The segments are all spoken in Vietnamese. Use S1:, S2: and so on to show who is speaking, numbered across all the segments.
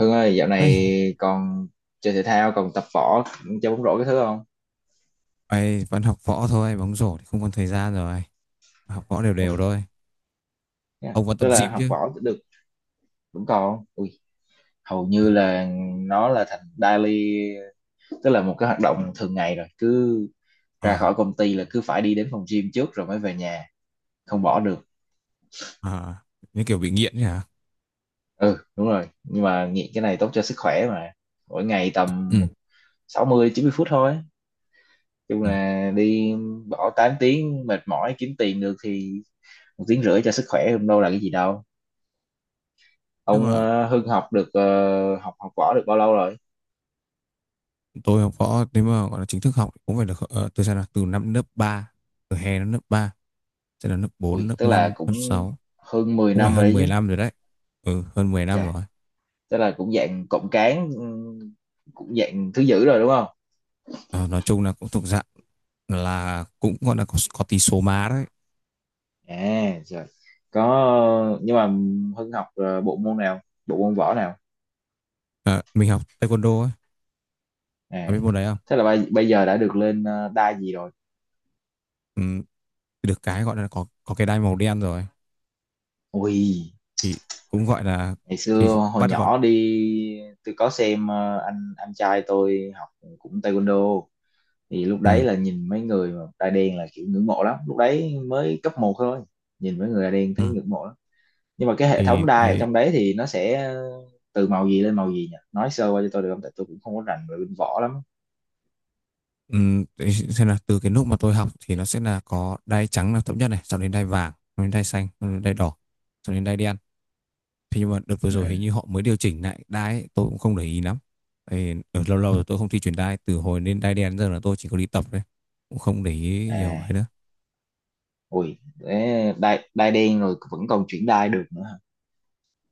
S1: Hưng ơi, dạo
S2: Ê,
S1: này còn chơi thể thao, còn tập võ, chơi bóng rổ cái thứ không?
S2: ấy vẫn học võ thôi, bóng rổ thì không còn thời gian rồi. Học võ đều
S1: Ừ,
S2: đều thôi.
S1: yeah.
S2: Ông vẫn tập
S1: Tức là
S2: gym
S1: học
S2: chứ?
S1: võ được vẫn còn không? Ui, hầu
S2: Ừ.
S1: như là nó là thành daily, tức là một cái hoạt động thường ngày rồi. Cứ ra
S2: À,
S1: khỏi công ty là cứ phải đi đến phòng gym trước rồi mới về nhà, không bỏ được.
S2: à, như kiểu bị nghiện nhỉ?
S1: Ừ, đúng rồi. Nhưng mà nghiện cái này tốt cho sức khỏe mà. Mỗi ngày
S2: Ừ.
S1: tầm 60-90 phút thôi. Chung
S2: Ừ.
S1: là đi bỏ 8 tiếng mệt mỏi kiếm tiền được thì một tiếng rưỡi cho sức khỏe không đâu là cái gì đâu.
S2: Nhưng
S1: Ông
S2: mà
S1: Hưng học được học học võ được bao lâu rồi?
S2: tôi học võ nếu mà gọi là chính thức học thì cũng phải được từ sao nào? Từ năm lớp ba, từ hè đến lớp 3 sẽ là lớp 4
S1: Ui,
S2: lớp
S1: tức là
S2: 5 lớp
S1: cũng
S2: sáu,
S1: hơn 10
S2: cũng phải
S1: năm rồi
S2: hơn
S1: đấy
S2: 10
S1: chứ.
S2: năm rồi đấy. Ừ, hơn 10 năm
S1: Chà,
S2: rồi.
S1: tức là cũng dạng cộng cán cũng dạng thứ dữ rồi đúng không?
S2: Ờ, nói chung là cũng thuộc dạng là cũng gọi là có tí số má đấy.
S1: À, rồi. Có nhưng mà Hưng học bộ môn nào? Bộ môn võ nào?
S2: Ờ, mình học taekwondo ấy, có biết
S1: À.
S2: môn đấy không?
S1: Thế là bây giờ đã được lên đai gì rồi?
S2: Ừ, được cái gọi là có cái đai màu đen rồi
S1: Ui,
S2: thì cũng gọi là
S1: ngày
S2: thì
S1: xưa hồi
S2: bắt gọn.
S1: nhỏ đi tôi có xem anh trai tôi học cũng taekwondo, thì lúc
S2: Ừ.
S1: đấy là nhìn mấy người mà da đen là kiểu ngưỡng mộ lắm, lúc đấy mới cấp một thôi, nhìn mấy người da đen
S2: Ừ.
S1: thấy ngưỡng mộ lắm. Nhưng mà cái hệ thống
S2: Thì
S1: đai ở
S2: đấy,
S1: trong đấy thì nó sẽ từ màu gì lên màu gì nhỉ, nói sơ qua cho tôi được không, tại tôi cũng không có rành về bên võ lắm.
S2: ừ, đấy xem là từ cái lúc mà tôi học thì nó sẽ là có đai trắng là thấp nhất này, sau đến đai vàng, sau đến đai xanh, sau đến đai đỏ, sau đến đai đen. Thế nhưng mà đợt vừa
S1: Ừ.
S2: rồi hình như họ mới điều chỉnh lại đai ấy, tôi cũng không để ý lắm. Thì ở lâu lâu rồi tôi không thi chuyển đai, từ hồi lên đai đen giờ là tôi chỉ có đi tập thôi, cũng không để ý nhiều ấy
S1: À,
S2: nữa.
S1: ui đấy, đai đai đen rồi vẫn còn chuyển đai được nữa hả?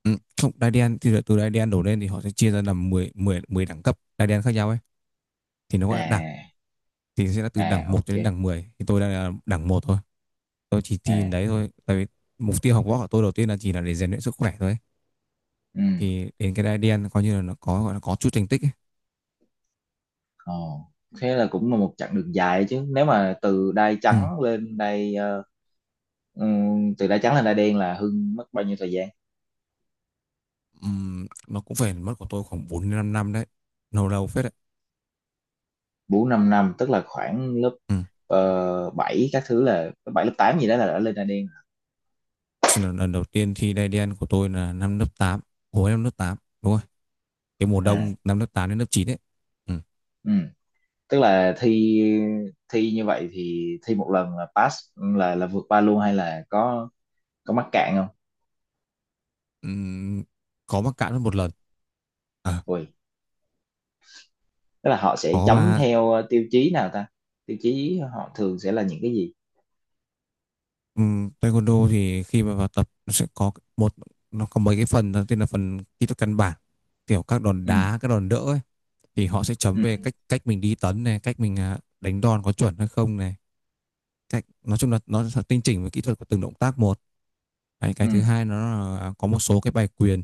S2: Ừ, không, đai đen thì là từ đai đen đổ lên thì họ sẽ chia ra làm 10 10 10 đẳng cấp đai đen khác nhau ấy, thì nó gọi là đẳng.
S1: À.
S2: Thì sẽ là từ đẳng
S1: À,
S2: một cho đến
S1: ok.
S2: đẳng 10, thì tôi đang là đẳng một thôi. Tôi chỉ thi đến
S1: À.
S2: đấy thôi, tại vì mục tiêu học võ của tôi đầu tiên là chỉ là để rèn luyện sức khỏe thôi,
S1: Ừ.
S2: thì đến cái đai đen coi như là nó có gọi là có chút thành tích ấy.
S1: Ồ, thế là cũng là một chặng đường dài đấy chứ, nếu mà
S2: Ừ.
S1: ừ, từ đai trắng lên đai đen là Hưng mất bao nhiêu thời gian?
S2: Nó cũng phải mất của tôi khoảng 4 đến 5 năm đấy, lâu lâu phết đấy.
S1: Bốn năm năm, tức là khoảng lớp
S2: Ừ.
S1: 7 các thứ, là lớp 7 lớp 8 gì đó là đã lên Đan Đen.
S2: Lần đầu tiên thi đai đen của tôi là năm lớp tám, hồi năm lớp 8 đúng rồi, cái mùa
S1: À.
S2: đông năm lớp 8 đến lớp chín đấy. Ừ.
S1: Ừ. Tức là thi thi như vậy thì thi một lần là pass, là vượt qua luôn hay là có mắc cạn không?
S2: Ừm, có mắc cạn mất một lần. À,
S1: Ui, tức là họ sẽ
S2: có
S1: chấm
S2: mà.
S1: theo tiêu chí nào ta, tiêu chí họ thường sẽ là những cái gì?
S2: Taekwondo thì khi mà vào tập nó sẽ có một, nó có mấy cái phần. Đầu tiên là phần kỹ thuật căn bản, kiểu các đòn
S1: Ừ.
S2: đá, các đòn đỡ ấy. Thì họ sẽ chấm
S1: Ừ.
S2: về cách cách mình đi tấn này, cách mình đánh đòn có chuẩn hay không này, cách nói chung là nó sẽ tinh chỉnh về kỹ thuật của từng động tác một. Đấy, cái
S1: Ừ.
S2: thứ hai nó là có một số cái bài quyền,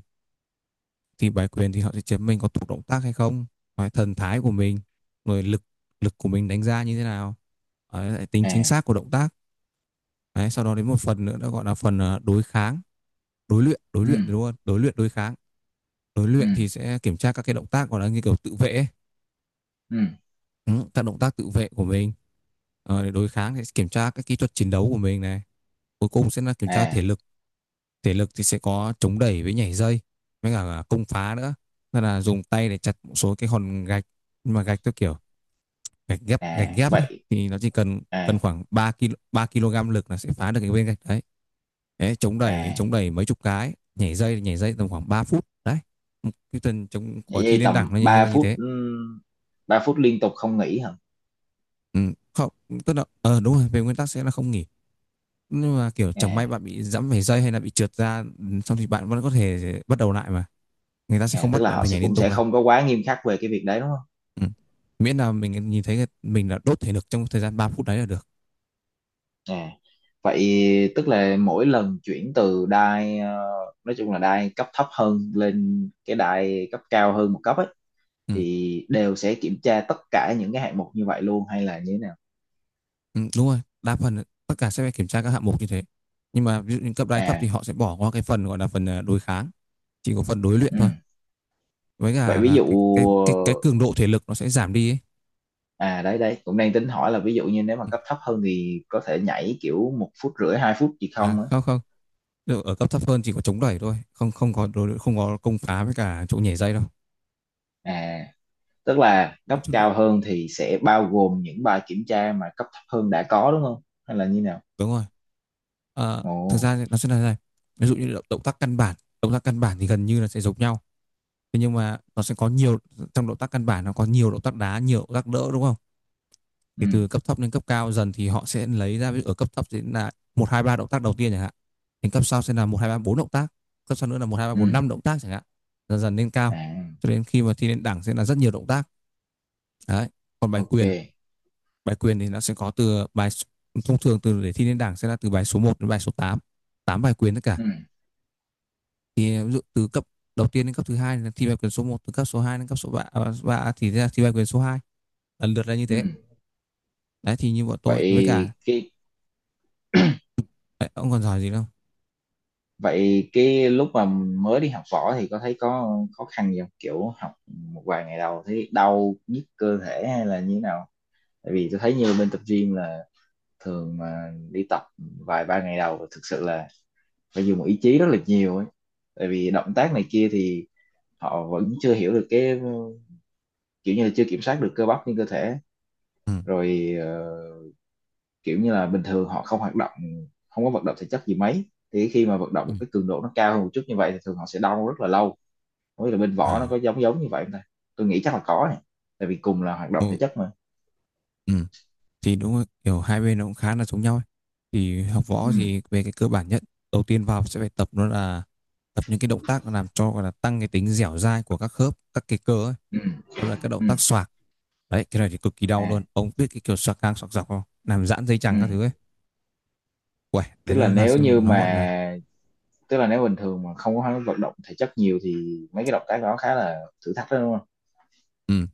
S2: thì bài quyền thì họ sẽ chấm mình có thuộc động tác hay không. Đấy, thần thái của mình, rồi lực lực của mình đánh ra như thế nào. Đấy, lại tính chính
S1: À.
S2: xác của động tác. Đấy, sau đó đến một phần nữa nó gọi là phần đối kháng, đối
S1: Ừ.
S2: luyện đúng không, đối luyện đối kháng. Đối
S1: Ừ.
S2: luyện thì sẽ kiểm tra các cái động tác gọi là như kiểu tự vệ ấy.
S1: Ừ.
S2: Ừ, các động tác tự vệ của mình. Ờ, để đối kháng thì sẽ kiểm tra các kỹ thuật chiến đấu của mình này, cuối cùng sẽ là kiểm tra thể
S1: À.
S2: lực. Thể lực thì sẽ có chống đẩy với nhảy dây, với cả công phá nữa, nên là dùng tay để chặt một số cái hòn gạch. Nhưng mà gạch theo kiểu gạch
S1: À,
S2: ghép ấy,
S1: vậy.
S2: thì nó chỉ cần cần
S1: À.
S2: khoảng 3 ki 3 kg lực là sẽ phá được cái viên gạch đấy. Đấy,
S1: À,
S2: chống đẩy mấy chục cái, nhảy dây tầm khoảng 3 phút đấy. Ừ, cái tuần chống của thi
S1: vậy
S2: lên
S1: tầm
S2: đẳng nó như,
S1: ba
S2: là như
S1: phút
S2: thế.
S1: ừ, 3 phút liên tục không nghỉ hả?
S2: Ừ, không, tức là đúng rồi, về nguyên tắc sẽ là không nghỉ. Nhưng mà kiểu chẳng may
S1: À.
S2: bạn bị giẫm phải dây hay là bị trượt ra, xong thì bạn vẫn có thể bắt đầu lại mà. Người ta sẽ
S1: À,
S2: không
S1: tức
S2: bắt
S1: là
S2: bạn
S1: họ
S2: phải
S1: sẽ
S2: nhảy liên
S1: cũng
S2: tục
S1: sẽ
S2: đâu.
S1: không có quá nghiêm khắc về cái việc đấy đúng không?
S2: Ừ. Miễn là mình nhìn thấy mình là đốt thể lực trong thời gian 3 phút đấy là được.
S1: À, vậy tức là mỗi lần chuyển từ đai nói chung là đai cấp thấp hơn lên cái đai cấp cao hơn một cấp ấy,
S2: Ừ.
S1: thì đều sẽ kiểm tra tất cả những cái hạng mục như vậy luôn hay là như thế nào?
S2: Ừ, đúng rồi, đa phần tất cả sẽ phải kiểm tra các hạng mục như thế. Nhưng mà ví dụ những cấp đái thấp thì
S1: À.
S2: họ sẽ bỏ qua cái phần gọi là phần đối kháng, chỉ có phần đối luyện
S1: Ừ.
S2: thôi. Với
S1: Vậy
S2: cả
S1: ví
S2: là
S1: dụ,
S2: cái cường độ thể lực nó sẽ giảm đi ấy.
S1: à đấy đấy cũng đang tính hỏi là ví dụ như nếu mà
S2: Ừ.
S1: cấp thấp hơn thì có thể nhảy kiểu một phút rưỡi hai phút gì
S2: À,
S1: không ấy.
S2: không không, được, ở cấp thấp hơn chỉ có chống đẩy thôi, không không có đối luyện, không có công phá với cả chỗ nhảy dây đâu.
S1: À, tức là
S2: Nói
S1: cấp
S2: chung là
S1: cao hơn thì sẽ bao gồm những bài kiểm tra mà cấp thấp hơn đã có đúng không hay là như nào?
S2: đúng rồi. Ờ,
S1: Ồ.
S2: thực ra thì nó sẽ là thế này. Ví dụ như động tác căn bản thì gần như là sẽ giống nhau. Thế nhưng mà nó sẽ có nhiều, trong động tác căn bản nó có nhiều động tác đá, nhiều động tác đỡ đúng không?
S1: Ừ.
S2: Thì từ cấp thấp đến cấp cao dần thì họ sẽ lấy ra ví dụ ở cấp thấp sẽ là một hai ba động tác đầu tiên chẳng hạn, đến cấp sau sẽ là một hai ba bốn động tác, cấp sau nữa là một hai ba bốn
S1: Ừ.
S2: năm động tác chẳng hạn, dần dần lên cao
S1: À,
S2: cho đến khi mà thi lên đẳng sẽ là rất nhiều động tác. Đấy, còn bài
S1: ok.
S2: quyền, bài quyền thì nó sẽ có từ bài, thông thường từ để thi lên đẳng sẽ là từ bài số một đến bài số tám, 8 bài quyền tất cả.
S1: Ừ.
S2: Thì ví dụ từ cấp đầu tiên đến cấp thứ hai là thi bài quyền số một, từ cấp số 2 đến cấp số ba, thì ra thi bài quyền số hai, lần lượt là như thế.
S1: Ừ.
S2: Đấy thì như bọn tôi với cả
S1: vậy cái
S2: đấy, ông còn giỏi gì đâu.
S1: vậy cái lúc mà mới đi học võ thì có thấy có khó khăn gì không, kiểu học một vài ngày đầu thấy đau nhức cơ thể hay là như nào? Tại vì tôi thấy như bên tập gym là thường mà đi tập vài ba ngày đầu thực sự là phải dùng ý chí rất là nhiều ấy, tại vì động tác này kia thì họ vẫn chưa hiểu được cái kiểu như là chưa kiểm soát được cơ bắp trên cơ thể, rồi kiểu như là bình thường họ không hoạt động, không có vận động thể chất gì mấy, thì khi mà vận động
S2: Ừ,
S1: một cái cường độ nó cao hơn một chút như vậy thì thường họ sẽ đau rất là lâu. Không biết là bên võ nó có
S2: À,
S1: giống giống như vậy không ta, tôi nghĩ chắc là có này, tại vì cùng là hoạt động
S2: ừ,
S1: thể chất mà.
S2: ừ, thì đúng rồi, kiểu hai bên nó cũng khá là giống nhau ấy. Thì học võ
S1: Ừ.
S2: thì về cái cơ bản nhất, đầu tiên vào sẽ phải tập, nó là tập những cái động tác làm cho gọi là tăng cái tính dẻo dai của các khớp, các cái cơ ấy.
S1: Ừ.
S2: Đó là các động
S1: Ừ.
S2: tác xoạc. Đấy, cái này thì cực kỳ đau luôn.
S1: À.
S2: Ông biết cái kiểu xoạc ngang xoạc dọc không? Làm giãn dây chằng các thứ
S1: Ừ.
S2: ấy. Uầy,
S1: tức
S2: đấy
S1: là
S2: nó là
S1: nếu như
S2: nó gọi là.
S1: mà Tức là nếu bình thường mà không có vận động thể chất nhiều thì mấy cái động tác đó khá là thử thách đó đúng không?
S2: Ừ.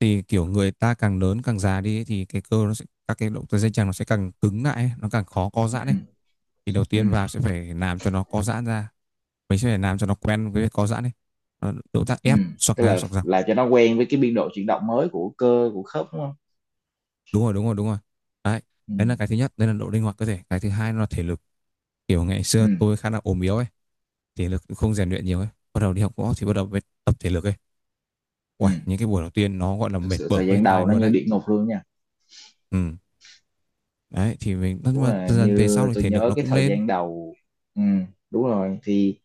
S2: Thì kiểu người ta càng lớn càng già đi ấy, thì cái cơ nó sẽ, các cái động tác dây chằng nó sẽ càng cứng lại ấy, nó càng khó co giãn ấy.
S1: Ừ.
S2: Thì đầu
S1: Ừ.
S2: tiên vào sẽ phải làm cho nó co giãn ra, mình sẽ phải làm cho nó quen với việc co giãn đi. Nó động tác
S1: Ừ.
S2: ép xoạc
S1: Tức
S2: ngang
S1: là
S2: xoạc dọc.
S1: là cho nó quen với cái biên độ chuyển động mới của cơ của khớp đúng không?
S2: Đúng rồi đúng rồi đúng rồi. Đấy,
S1: Ừ.
S2: đấy là cái thứ nhất, đây là độ linh hoạt cơ thể. Cái thứ hai nó là thể lực, kiểu ngày xưa
S1: Ừ.
S2: tôi khá là ốm yếu ấy, thể lực cũng không rèn luyện nhiều ấy, bắt đầu đi học võ thì bắt đầu mới tập thể lực ấy.
S1: Ừ.
S2: Uầy, những cái buổi đầu tiên nó gọi là
S1: Thực
S2: mệt
S1: sự
S2: bở
S1: thời
S2: hết
S1: gian
S2: tai
S1: đầu nó
S2: luôn
S1: như
S2: đấy.
S1: địa ngục luôn nha,
S2: Ừ, đấy thì mình, nhưng
S1: đúng
S2: mà
S1: là
S2: dần dần về sau
S1: như
S2: thì
S1: tôi
S2: thể lực
S1: nhớ
S2: nó
S1: cái
S2: cũng
S1: thời
S2: lên.
S1: gian đầu. Ừ. Đúng rồi thì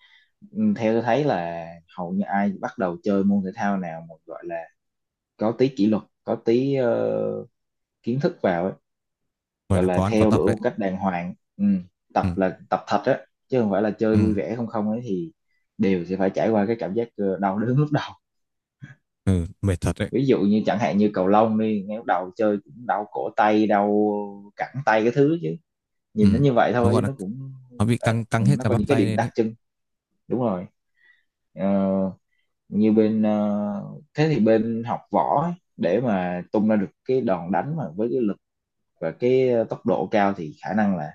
S1: theo tôi thấy là hầu như ai bắt đầu chơi môn thể thao nào mà gọi là có tí kỷ luật, có tí kiến thức vào ấy,
S2: Gọi
S1: gọi
S2: là
S1: là
S2: có ăn có
S1: theo
S2: tập
S1: đuổi
S2: đấy.
S1: một cách đàng hoàng. Ừ. Tập
S2: ừ
S1: là tập thật á chứ không phải là chơi
S2: ừ,
S1: vui vẻ không không ấy, thì đều sẽ phải trải qua cái cảm giác đau đớn lúc đầu.
S2: ừ mệt thật đấy.
S1: Ví dụ như chẳng hạn như cầu lông đi, ngay lúc đầu chơi cũng đau cổ tay đau cẳng tay cái thứ chứ, nhìn nó
S2: Ừ,
S1: như vậy
S2: nó
S1: thôi
S2: gọi
S1: chứ
S2: là
S1: nó cũng
S2: nó bị
S1: đấy.
S2: căng căng
S1: Ừ,
S2: hết
S1: nó
S2: cả
S1: có
S2: bắp
S1: những cái
S2: tay
S1: điểm
S2: lên
S1: đặc
S2: đấy.
S1: trưng. Đúng rồi. Ờ, như bên ờ, Thế thì bên học võ ấy, để mà tung ra được cái đòn đánh mà với cái lực và cái tốc độ cao thì khả năng là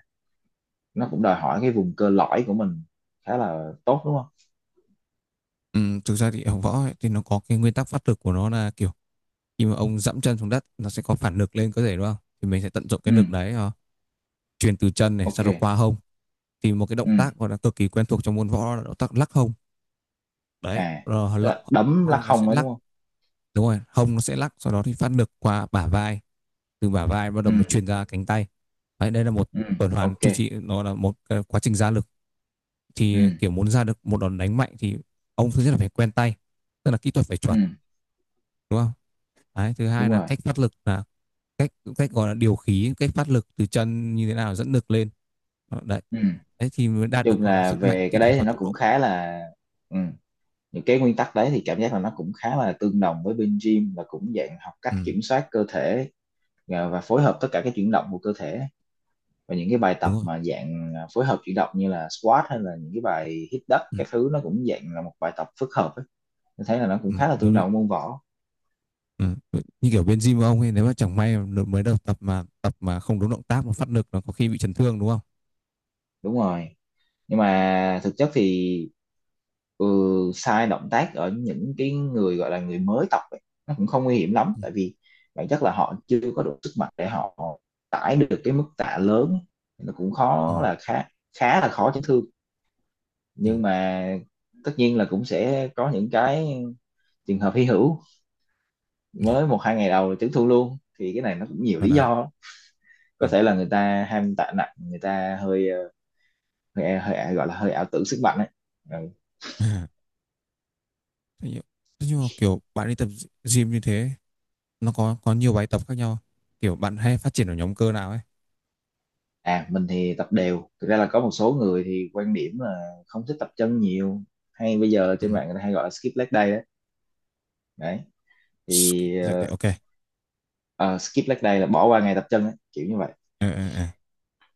S1: nó cũng đòi hỏi cái vùng cơ lõi của mình khá là tốt đúng không?
S2: Ừ, thực ra thì ở võ ấy, thì nó có cái nguyên tắc phát lực của nó là kiểu khi mà ông dẫm chân xuống đất nó sẽ có phản lực lên cơ thể đúng không? Thì mình sẽ tận dụng
S1: Ừ.
S2: cái lực đấy, truyền từ chân này sau đó qua
S1: Ok.
S2: hông. Thì một cái động
S1: Ừ.
S2: tác gọi là cực kỳ quen thuộc trong môn võ là động tác lắc hông. Đấy,
S1: À, tức là đấm lắc
S2: hông nó sẽ
S1: không ấy
S2: lắc,
S1: đúng không?
S2: đúng rồi, hông nó sẽ lắc sau đó thì phát lực qua bả vai, từ bả vai bắt
S1: Ừ.
S2: đầu mới truyền ra cánh tay. Đấy, đây là một
S1: Ừ.
S2: tuần hoàn
S1: Ok.
S2: chu trị, nó là một quá trình ra lực.
S1: Ừ.
S2: Thì kiểu muốn ra được một đòn đánh mạnh thì ông thứ nhất là phải quen tay, tức là kỹ thuật phải
S1: Ừ.
S2: chuẩn đúng không? Đấy, thứ hai
S1: Đúng
S2: là
S1: rồi.
S2: cách phát lực, là cách cách gọi là điều khí, cách phát lực từ chân như thế nào dẫn lực lên. Đó, đấy
S1: Ừ.
S2: đấy thì mới đạt
S1: Nói
S2: được
S1: chung
S2: gọi là
S1: là
S2: sức mạnh,
S1: về cái
S2: kỹ
S1: đấy
S2: thuật
S1: thì
S2: và
S1: nó
S2: tốc
S1: cũng
S2: độ.
S1: khá là. Ừ. Những cái nguyên tắc đấy thì cảm giác là nó cũng khá là tương đồng với bên gym, và cũng dạng học cách
S2: Ừ,
S1: kiểm soát cơ thể và phối hợp tất cả các chuyển động của cơ thể, và những cái bài tập
S2: đúng rồi.
S1: mà dạng phối hợp chuyển động như là squat hay là những cái bài hít đất
S2: ừ,
S1: các thứ, nó cũng dạng là một bài tập phức hợp ấy. Tôi thấy là nó cũng
S2: ừ,
S1: khá là
S2: giống
S1: tương
S2: như,
S1: đồng môn võ.
S2: ừ, như kiểu bên gym của ông ấy, nếu mà chẳng may mà mới đầu tập mà không đúng động tác mà phát lực nó có khi bị chấn thương đúng không.
S1: Đúng rồi, nhưng mà thực chất thì ừ, sai động tác ở những cái người gọi là người mới tập ấy, nó cũng không nguy hiểm lắm,
S2: ừ,
S1: tại vì bản chất là họ chưa có đủ sức mạnh để họ tải được cái mức tạ lớn ấy. Nó cũng
S2: ừ,
S1: khó là khá khá là khó chấn thương,
S2: ừ.
S1: nhưng mà tất nhiên là cũng sẽ có những cái trường hợp hy hữu, mới một hai ngày đầu chấn thương luôn, thì cái này nó cũng nhiều
S2: Còn
S1: lý
S2: là.
S1: do,
S2: Ừ.
S1: có thể là người ta ham tạ nặng, người ta hơi gọi là hơi ảo tưởng sức mạnh ấy. Ừ.
S2: thế nhưng Thế nhưng mà kiểu bạn đi tập gym như thế, nó có nhiều bài tập khác nhau, kiểu bạn hay phát triển ở nhóm cơ nào ấy.
S1: À, mình thì tập đều. Thực ra là có một số người thì quan điểm là không thích tập chân nhiều, hay bây giờ
S2: Ừ.
S1: trên mạng người ta hay gọi là skip leg day đấy. Đấy.
S2: Skip
S1: Thì
S2: leg day, ok.
S1: ờ, skip leg day là bỏ qua ngày tập chân ấy, kiểu như vậy.
S2: Ừ.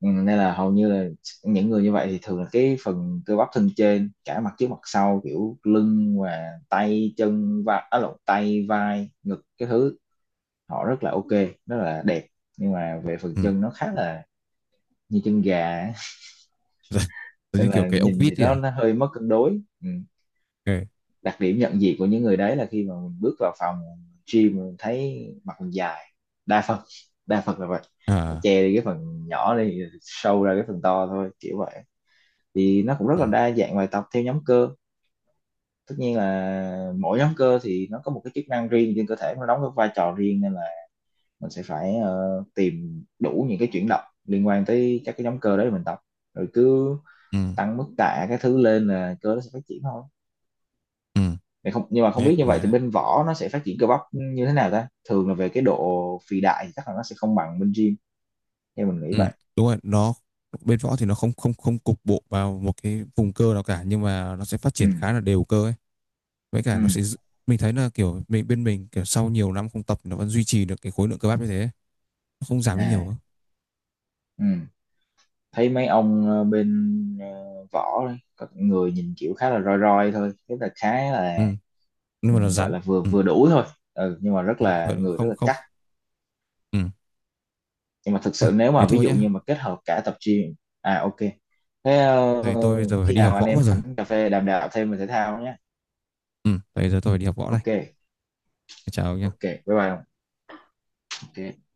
S1: Ừ, nên là hầu như là những người như vậy thì thường là cái phần cơ bắp thân trên, cả mặt trước mặt sau kiểu lưng và tay chân và lộn, tay vai ngực cái thứ, họ rất là ok, rất là đẹp. Nhưng mà về phần
S2: Ừ.
S1: chân nó khá là như chân gà ấy.
S2: Giống như
S1: Nên
S2: kiểu
S1: là
S2: cái ốc
S1: nhìn thì
S2: vít ấy
S1: nó,
S2: à?
S1: nó hơi mất cân đối. Ừ,
S2: Ừ.
S1: đặc điểm nhận diện của những người đấy là khi mà mình bước vào phòng gym mình thấy mặt mình dài đa phần đa phần là vậy, họ
S2: À.
S1: che đi cái phần nhỏ đi show ra cái phần to thôi kiểu vậy. Thì nó cũng rất
S2: Ừ.
S1: là đa dạng bài tập theo nhóm cơ, tất nhiên là mỗi nhóm cơ thì nó có một cái chức năng riêng trên cơ thể, nó đóng cái vai trò riêng, nên là mình sẽ phải tìm đủ những cái chuyển động liên quan tới các cái nhóm cơ đấy mình tập, rồi cứ
S2: Ừ.
S1: tăng mức tạ cái thứ lên là cơ nó sẽ phát triển thôi.
S2: Ừ.
S1: Thì không, nhưng mà không
S2: Nghe
S1: biết như
S2: cũng
S1: vậy
S2: ngoài
S1: thì
S2: đấy.
S1: bên võ nó sẽ phát triển cơ bắp như thế nào ta, thường là về cái độ phì đại thì chắc là nó sẽ không bằng bên gym theo mình nghĩ
S2: Ừ.
S1: vậy.
S2: Đúng rồi, nó bên võ thì nó không không không cục bộ vào một cái vùng cơ nào cả, nhưng mà nó sẽ phát
S1: Ừ.
S2: triển khá là đều cơ ấy. Với cả nó sẽ
S1: Ừ.
S2: giữ- mình thấy là kiểu mình bên mình kiểu sau nhiều năm không tập nó vẫn duy trì được cái khối lượng cơ bắp như thế ấy. Nó không giảm đi nhiều
S1: À.
S2: đâu.
S1: Ừ. Thấy mấy ông bên ờ, võ đấy, có người nhìn kiểu khá là roi roi thôi, tức là khá là
S2: Ừ. Nhưng mà nó
S1: gọi
S2: rắn.
S1: là vừa
S2: Ừ.
S1: vừa đủ thôi. Ừ, nhưng mà rất
S2: Ừ.
S1: là
S2: Vậy là.
S1: người rất
S2: Không
S1: là
S2: không.
S1: chắc,
S2: Ừ.
S1: nhưng mà thực
S2: Thôi,
S1: sự nếu
S2: thế
S1: mà ví
S2: thôi
S1: dụ
S2: nhá.
S1: như mà kết hợp cả tập gym. À, ok. Thế
S2: Thầy tôi bây giờ phải
S1: khi
S2: đi học
S1: nào anh
S2: võ mất
S1: em
S2: rồi.
S1: ảnh cà phê đàm đạo thêm về thể thao nhé.
S2: Ừ. Bây giờ tôi phải đi học võ đây.
S1: Ok.
S2: Chào ông
S1: Ok,
S2: nhá.
S1: bye bye ông. Ok.